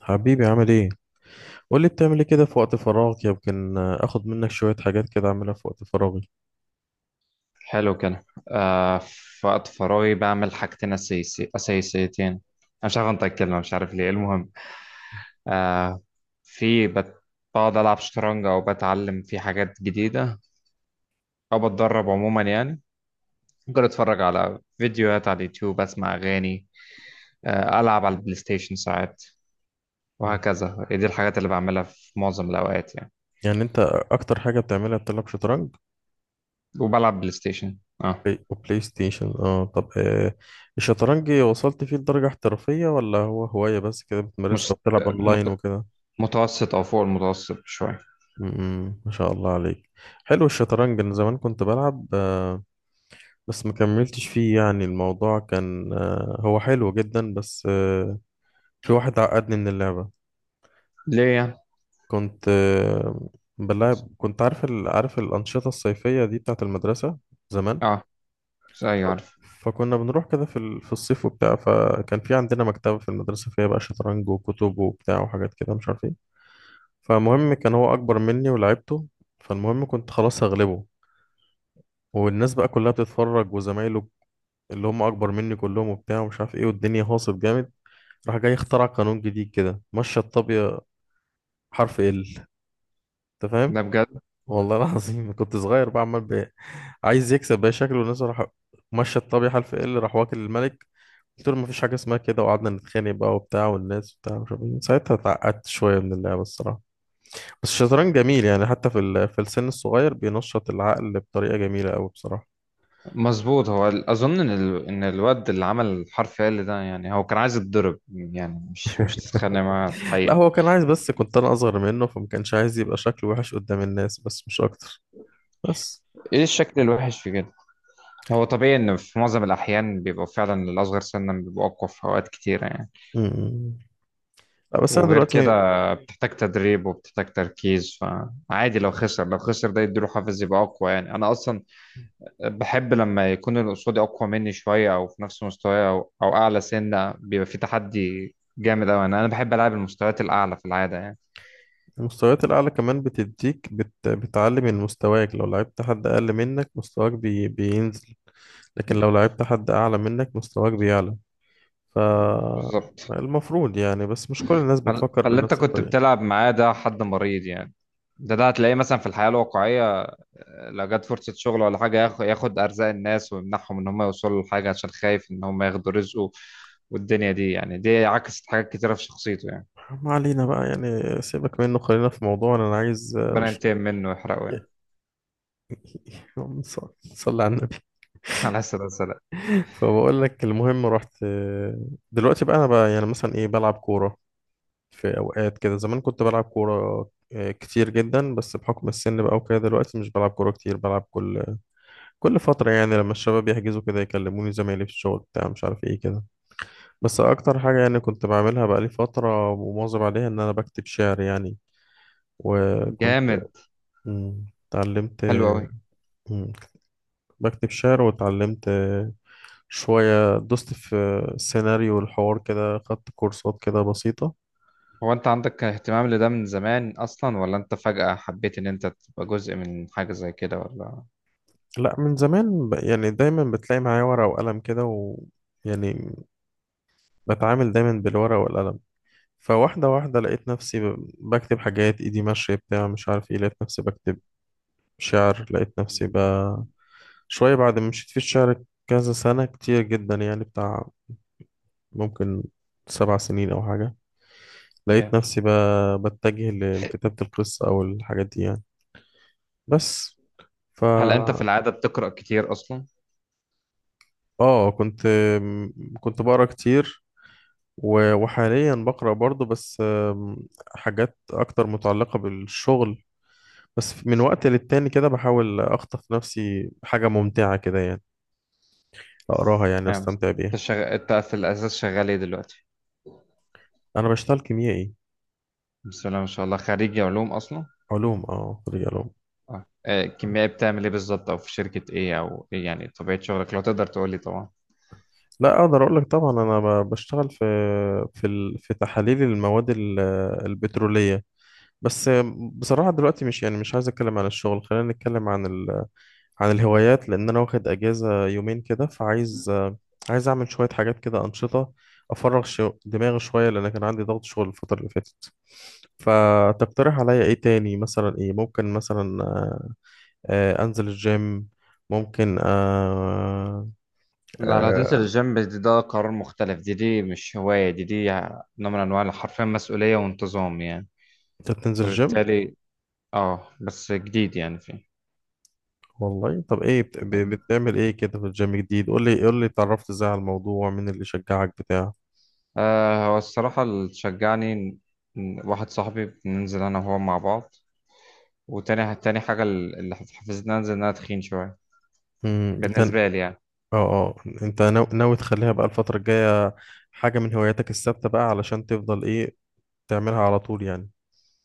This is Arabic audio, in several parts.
حبيبي عامل ايه؟ قول لي بتعمل ايه كده في وقت فراغك، يمكن اخد منك شوية حاجات كده اعملها في وقت فراغي. حلو كده. آه، في وقت فراغي بعمل حاجتين أساسيتين أنا مش عارف أنطق الكلمة، مش عارف ليه. المهم، آه في بت... بقعد ألعب شطرنج، أو بتعلم في حاجات جديدة، أو بتدرب عموما يعني. ممكن أتفرج على فيديوهات على اليوتيوب، أسمع أغاني، ألعب على البلاي ستيشن ساعات، مم. وهكذا. دي الحاجات اللي بعملها في معظم الأوقات يعني. يعني انت اكتر حاجة بتعملها بتلعب شطرنج. وبلعب بلاي ستيشن. أه، بلاي وبلاي ستيشن، اه طب الشطرنج وصلت فيه لدرجة احترافية ولا هو هواية بس كده بتمارسها مش وبتلعب اونلاين مت- وكده؟ متوسط أو فوق المتوسط شوية. ما شاء الله عليك. حلو الشطرنج، انا زمان كنت بلعب بس ما كملتش فيه، يعني الموضوع كان هو حلو جدا، بس في واحد عقدني من اللعبة. ليه يعني؟ كنت آه، بلعب كنت عارف عارف الأنشطة الصيفية دي بتاعت المدرسة زمان. أه، أيوة عارف. فكنا بنروح كده في في الصيف وبتاع، فكان في عندنا مكتبة في المدرسة فيها بقى شطرنج وكتب وبتاع وحاجات كده مش عارف ايه. فالمهم كان هو أكبر مني ولعبته، فالمهم كنت خلاص هغلبه والناس بقى كلها بتتفرج، وزمايله اللي هم أكبر مني كلهم وبتاع ومش عارف ايه، والدنيا هاصب جامد. راح جاي اخترع قانون جديد كده، مشى الطابية حرف ال، انت ده فاهم. بجد؟ والله العظيم كنت صغير بقى عمال عايز يكسب بقى شكله الناس. راح مشى الطبيعة حلف ايه، اللي راح واكل الملك. قلت له مفيش حاجة اسمها كده، وقعدنا نتخانق بقى وبتاع والناس بتاع مش عارف إيه. من ساعتها اتعقدت شوية من اللعبة الصراحة. بس الشطرنج جميل، يعني حتى في في السن الصغير بينشط العقل بطريقة جميلة أوي بصراحة. مظبوط، هو ان الواد اللي عمل الحرف ال ده يعني هو كان عايز يتضرب يعني، مش تتخانق معاه لا الحقيقه. هو كان عايز، بس كنت أنا أصغر منه فما كانش عايز يبقى شكله وحش قدام الناس، بس مش أكتر. بس ايه الشكل الوحش في كده؟ هو طبيعي ان في معظم الاحيان بيبقوا فعلا الاصغر سنا بيبقوا اقوى في اوقات كتيره يعني. م- م. لا بس أنا وغير كده دلوقتي بتحتاج تدريب وبتحتاج تركيز، فعادي لو خسر، لو خسر ده يديله حافز يبقى اقوى يعني. انا اصلا بحب لما يكون اللي قصادي اقوى مني شويه، او في نفس مستواي، او او اعلى سنه، بيبقى في تحدي جامد قوي. انا بحب العب المستويات الاعلى في العاده يعني. المستويات الأعلى كمان بتديك بتعلي من مستواك. لو لعبت حد أقل منك مستواك بينزل، لكن لو لعبت حد أعلى منك مستواك بيعلى. ف بالظبط، المفروض يعني، بس مش كل الناس بتفكر فاللي انت بنفس كنت الطريقة. بتلعب معاه ده حد مريض يعني. ده هتلاقيه مثلا في الحياة الواقعية. آه، لو جت فرصة شغل ولا حاجة ياخد أرزاق الناس ويمنعهم إن هم يوصلوا لحاجة عشان خايف إن هم ياخدوا رزقه. والدنيا دي يعني دي عكست حاجات كتيرة في شخصيته يعني. ما علينا بقى يعني، سيبك منه خلينا في موضوعنا، أنا عايز ربنا أشرب ينتقم منه ويحرقه يعني. يعني. صلي على النبي. على السلامة السلام. فبقول لك المهم رحت دلوقتي بقى، أنا بقى يعني مثلا إيه بلعب كورة في اوقات كده. زمان كنت بلعب كوره كتير جدا، بس بحكم السن بقى وكده دلوقتي مش بلعب كوره كتير. بلعب كل فتره، يعني لما الشباب يحجزوا كده يكلموني زمايلي في الشغل بتاع مش عارف ايه كده. بس اكتر حاجه يعني كنت بعملها بقى لي فتره ومواظب عليها ان انا بكتب شعر يعني. وكنت جامد. اتعلمت حلو أوي. مم، بكتب شعر، واتعلمت شويه دوست في سيناريو الحوار كده، خدت كورسات كده بسيطه. هو أنت عندك اهتمام لده من زمان أصلا، ولا أنت فجأة حبيت إن أنت تبقى جزء من حاجة زي كده ولا؟ لا من زمان يعني دايما بتلاقي معايا ورقة وقلم كده، و يعني بتعامل دايما بالورقة والقلم. فواحدة واحدة لقيت نفسي بكتب حاجات، ايدي ماشية بتاع مش عارف ايه. لقيت نفسي بكتب شعر، لقيت نفسي شوية بعد ما مشيت في الشعر كذا سنة كتير جدا يعني بتاع، ممكن 7 سنين أو حاجة. yeah. لقيت نفسي بتجه لكتابة القصة أو الحاجات دي يعني. بس ف هل أنت في العادة بتقرأ كتير أصلا؟ اه كنت بقرا كتير وحاليا بقرأ برضه، بس حاجات أكتر متعلقة بالشغل، بس من وقت للتاني كده بحاول أخطف نفسي حاجة ممتعة كده يعني، أقراها يعني ايوه مصر. وأستمتع انت بيها. انت في الاساس شغال ايه دلوقتي؟ أنا بشتغل كيميائي. بسم الله ما شاء الله، خريج علوم اصلا. علوم، أه خريج علوم. اه آه، كيميائي بتعمل ايه بالظبط، او في شركة ايه، او ايه يعني طبيعة شغلك لو تقدر تقول لي طبعا. لا أقدر أقول لك طبعا، أنا بشتغل في في في تحاليل المواد البترولية. بس بصراحة دلوقتي مش يعني مش عايز أتكلم عن الشغل، خلينا نتكلم عن عن الهوايات، لان انا واخد اجازه يومين كده فعايز عايز اعمل شويه حاجات كده انشطه، افرغ دماغي شويه، لان كان عندي ضغط شغل الفتره اللي فاتت. فتقترح عليا ايه تاني، مثلا ايه ممكن مثلا انزل الجيم، ممكن لا لا، هتنزل آه، الجيم دي ده قرار مختلف. دي مش هواية، دي نوع من انواع حرفيا مسؤولية وانتظام يعني. انت بتنزل الجيم. فبالتالي اه بس جديد يعني فيه. والله طب ايه يعني بتعمل ايه كده في الجيم جديد؟ قول لي قول لي، اتعرفت ازاي على الموضوع، مين اللي شجعك بتاع. آه، هو الصراحة اللي شجعني إن واحد صاحبي بننزل انا وهو مع بعض. وتاني حاجة اللي حفزتني انزل ان انا تخين شوية، انت اه بالنسبة لي يعني. اه انت ناوي تخليها بقى الفترة الجاية حاجة من هواياتك الثابتة بقى، علشان تفضل ايه تعملها على طول يعني.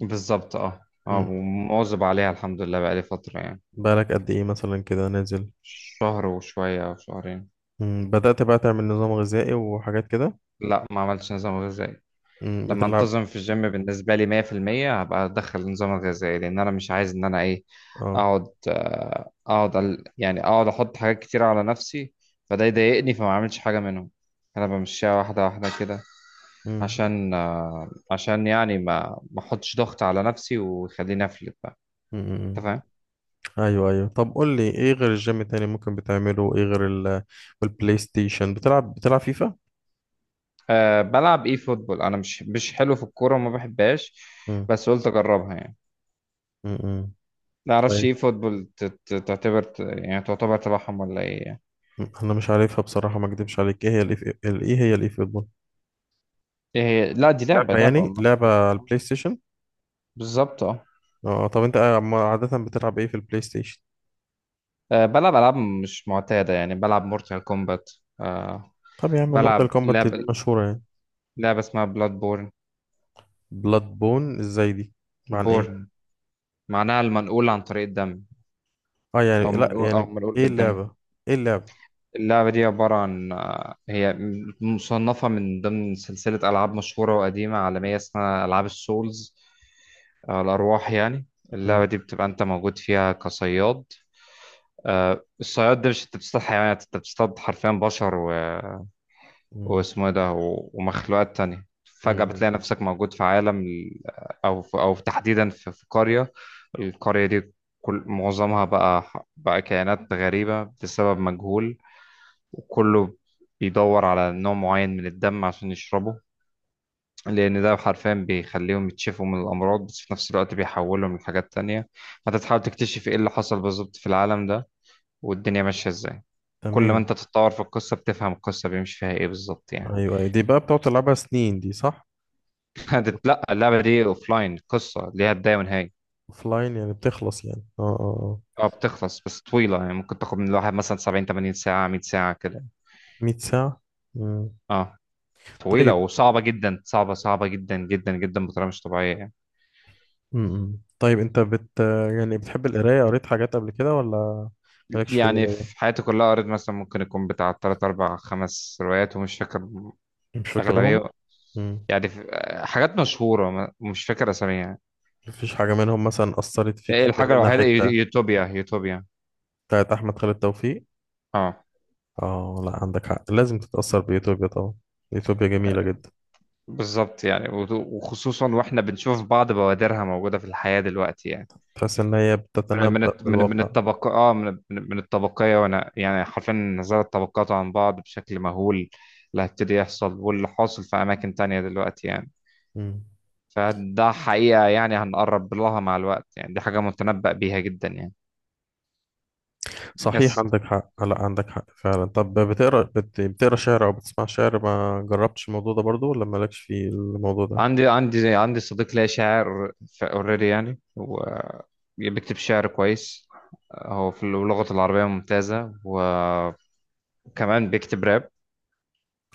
بالظبط اه اه، مم. ومواظب عليها الحمد لله بقالي فترة يعني. بقالك قد ايه مثلا كده نازل؟ شهر وشوية أو شهرين. مم. بدأت بقى تعمل نظام غذائي وحاجات كده؟ لا ما عملتش نظام غذائي. مم. لما بتلعب انتظم في الجيم بالنسبة لي 100% هبقى أدخل نظام غذائي، لأن أنا مش عايز إن أنا إيه، اه. أقعد آه، أقعد ال- يعني أقعد أحط حاجات كتير على نفسي فده يضايقني فما أعملش حاجة منهم. أنا بمشيها واحدة واحدة كده، مم. عشان آه، عشان يعني ما أحطش ضغط على نفسي ويخليني أفلت بقى. مم. أنت مم. فاهم؟ ايوه ايوه، طب قول لي ايه غير الجيم تاني ممكن بتعمله، ايه غير ال والبلاي ستيشن؟ بتلعب فيفا؟ أه بلعب ايه فوتبول. انا مش حلو في الكوره وما بحبهاش، مم. بس قلت اجربها يعني. مم. مم. ما اعرفش طيب ايه فوتبول تعتبر يعني تعتبر تبعهم ولا ايه يعني. مم. انا مش عارفها بصراحة ما اكدبش عليك، ايه هي ايه هي الاي فوتبول؟ ايه هي، لا دي لعبه، لعبة لعبه يعني، والله. لعبة على البلاي ستيشن؟ بالظبط اه. اه طب انت عادة بتلعب ايه في البلاي ستيشن؟ آه، بلعب العاب مش معتاده يعني، بلعب مورتال كومبات. أه طب يا عم بلعب مورتال كومبات دي لعبه مشهورة يعني. لعبه اسمها بلاد بورن. بلاد بون ازاي دي، عن ايه؟ بورن معناها المنقول عن طريق الدم، اه يعني او لا منقول، او يعني منقول ايه بالدم. اللعبة؟ ايه اللعبة؟ اللعبة دي عبارة عن آه، هي مصنفة من ضمن سلسلة ألعاب مشهورة وقديمة عالمية اسمها ألعاب السولز. آه، الأرواح يعني. مم. اللعبة دي بتبقى أنت موجود فيها كصياد. آه، الصياد ده مش أنت بتصطاد حيوانات، أنت بتصطاد حرفيا بشر مم. واسمه إيه ده ومخلوقات تانية. فجأة مم. بتلاقي نفسك موجود في عالم ال- أو في... أو تحديدا في قرية. القرية دي كل معظمها بقى، بقى كائنات غريبة بسبب مجهول، وكله بيدور على نوع معين من الدم عشان يشربه، لأن ده حرفيا بيخليهم يتشفوا من الأمراض، بس في نفس الوقت بيحولهم لحاجات تانية. فأنت تحاول تكتشف إيه اللي حصل بالظبط في العالم ده، والدنيا ماشية إزاي. كل ما أنت تمام. تتطور في القصة بتفهم القصة بيمشي فيها إيه بالظبط يعني. ايوه أيوة. دي بقى بتقعد تلعبها سنين دي صح؟ لأ اللعبة دي أوفلاين، قصة ليها بداية ونهاية. اوف لاين يعني بتخلص يعني اه اه اه بتخلص، بس طويلة يعني ممكن تاخد من الواحد مثلا 70 80 ساعة، 100 ساعة كده. 100 ساعة. مم. اه طويلة طيب وصعبة جدا، صعبة جدا جدا جدا بطريقة مش طبيعية يعني. مم. طيب انت بت يعني بتحب القراية؟ قريت حاجات قبل كده ولا مالكش في يعني القراية؟ في حياتي كلها قريت مثلا ممكن يكون بتاع تلات أربع خمس روايات ومش فاكر مش فاكرهم. أغلبية مم. يعني. في حاجات مشهورة مش فاكر أساميها. مفيش حاجة منهم مثلا أثرت فيك، يعني فاكر الحاجة منها الوحيدة حتة؟ يوتوبيا، يوتوبيا. بتاعت أحمد خالد توفيق. اه، اه لا عندك حق، لازم تتأثر بإثيوبيا طبعا، إثيوبيا جميلة جدا. بالظبط يعني، وخصوصا واحنا بنشوف بعض بوادرها موجودة في الحياة دلوقتي يعني. تحس إن هي من من بتتنبأ الت- من من بالواقع. الطبق اه، من الطبقية. وانا يعني حرفيا نزلت الطبقات عن بعض بشكل مهول، اللي هيبتدي يحصل واللي حاصل في أماكن تانية دلوقتي يعني. مم. فده حقيقة يعني هنقرب لها مع الوقت يعني، دي حاجة متنبأ بيها جدا يعني. صحيح بس عندك حق لا عندك حق فعلا. طب بتقرا بتقرا شعر أو بتسمع شعر؟ ما جربتش الموضوع ده برضو ولا مالكش في الموضوع ده؟ عندي صديق ليا شاعر اوريدي يعني، و بيكتب شعر كويس. هو في اللغة العربية ممتازة، وكمان بيكتب راب،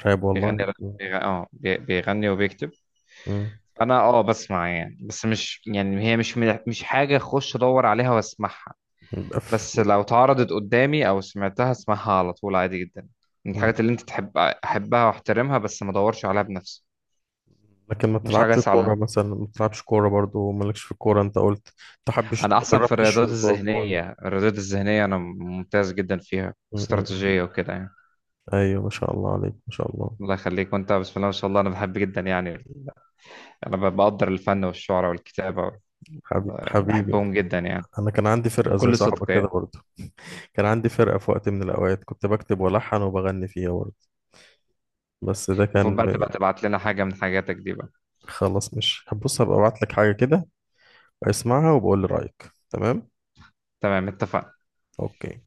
رهيب بيغني والله. راب، بيغني وبيكتب. مم. انا اه بسمع يعني، بس مش يعني هي مش حاجة اخش ادور عليها واسمعها. يبقى بس في- لو اتعرضت قدامي او سمعتها اسمعها على طول عادي جدا. من الحاجات مم. اللي انت تحب، احبها واحترمها بس ما ادورش عليها بنفسي. لكن ما مش حاجه بتلعبش اسعى كورة لها. مثلا، ما بتلعبش كورة برضو، مالكش في الكورة أنت قلت. ما حبش. انا احسن في جربتش الرياضات شوط أو جون. الذهنيه، الرياضات الذهنيه انا ممتاز جدا فيها، مم. مم. استراتيجيه وكده يعني. أيوة ما شاء الله عليك، ما شاء الله. الله يخليك. وانت بسم الله ما شاء الله. انا بحب جدا يعني ال-، انا بقدر الفن والشعر والكتابه، حبيبي حبيبي، بحبهم جدا يعني، انا كان عندي فرقه زي بكل صدق صاحبك كده يعني. برضه، كان عندي فرقه في وقت من الاوقات كنت بكتب والحن وبغني فيها برضه، بس ده المفروض كان بقى تبقى تبعت لنا حاجه من حاجاتك دي بقى. خلاص. مش بص، هبقى ابعت لك حاجه كده، اسمعها وبقول لي رايك. تمام تمام، اتفقنا. اوكي.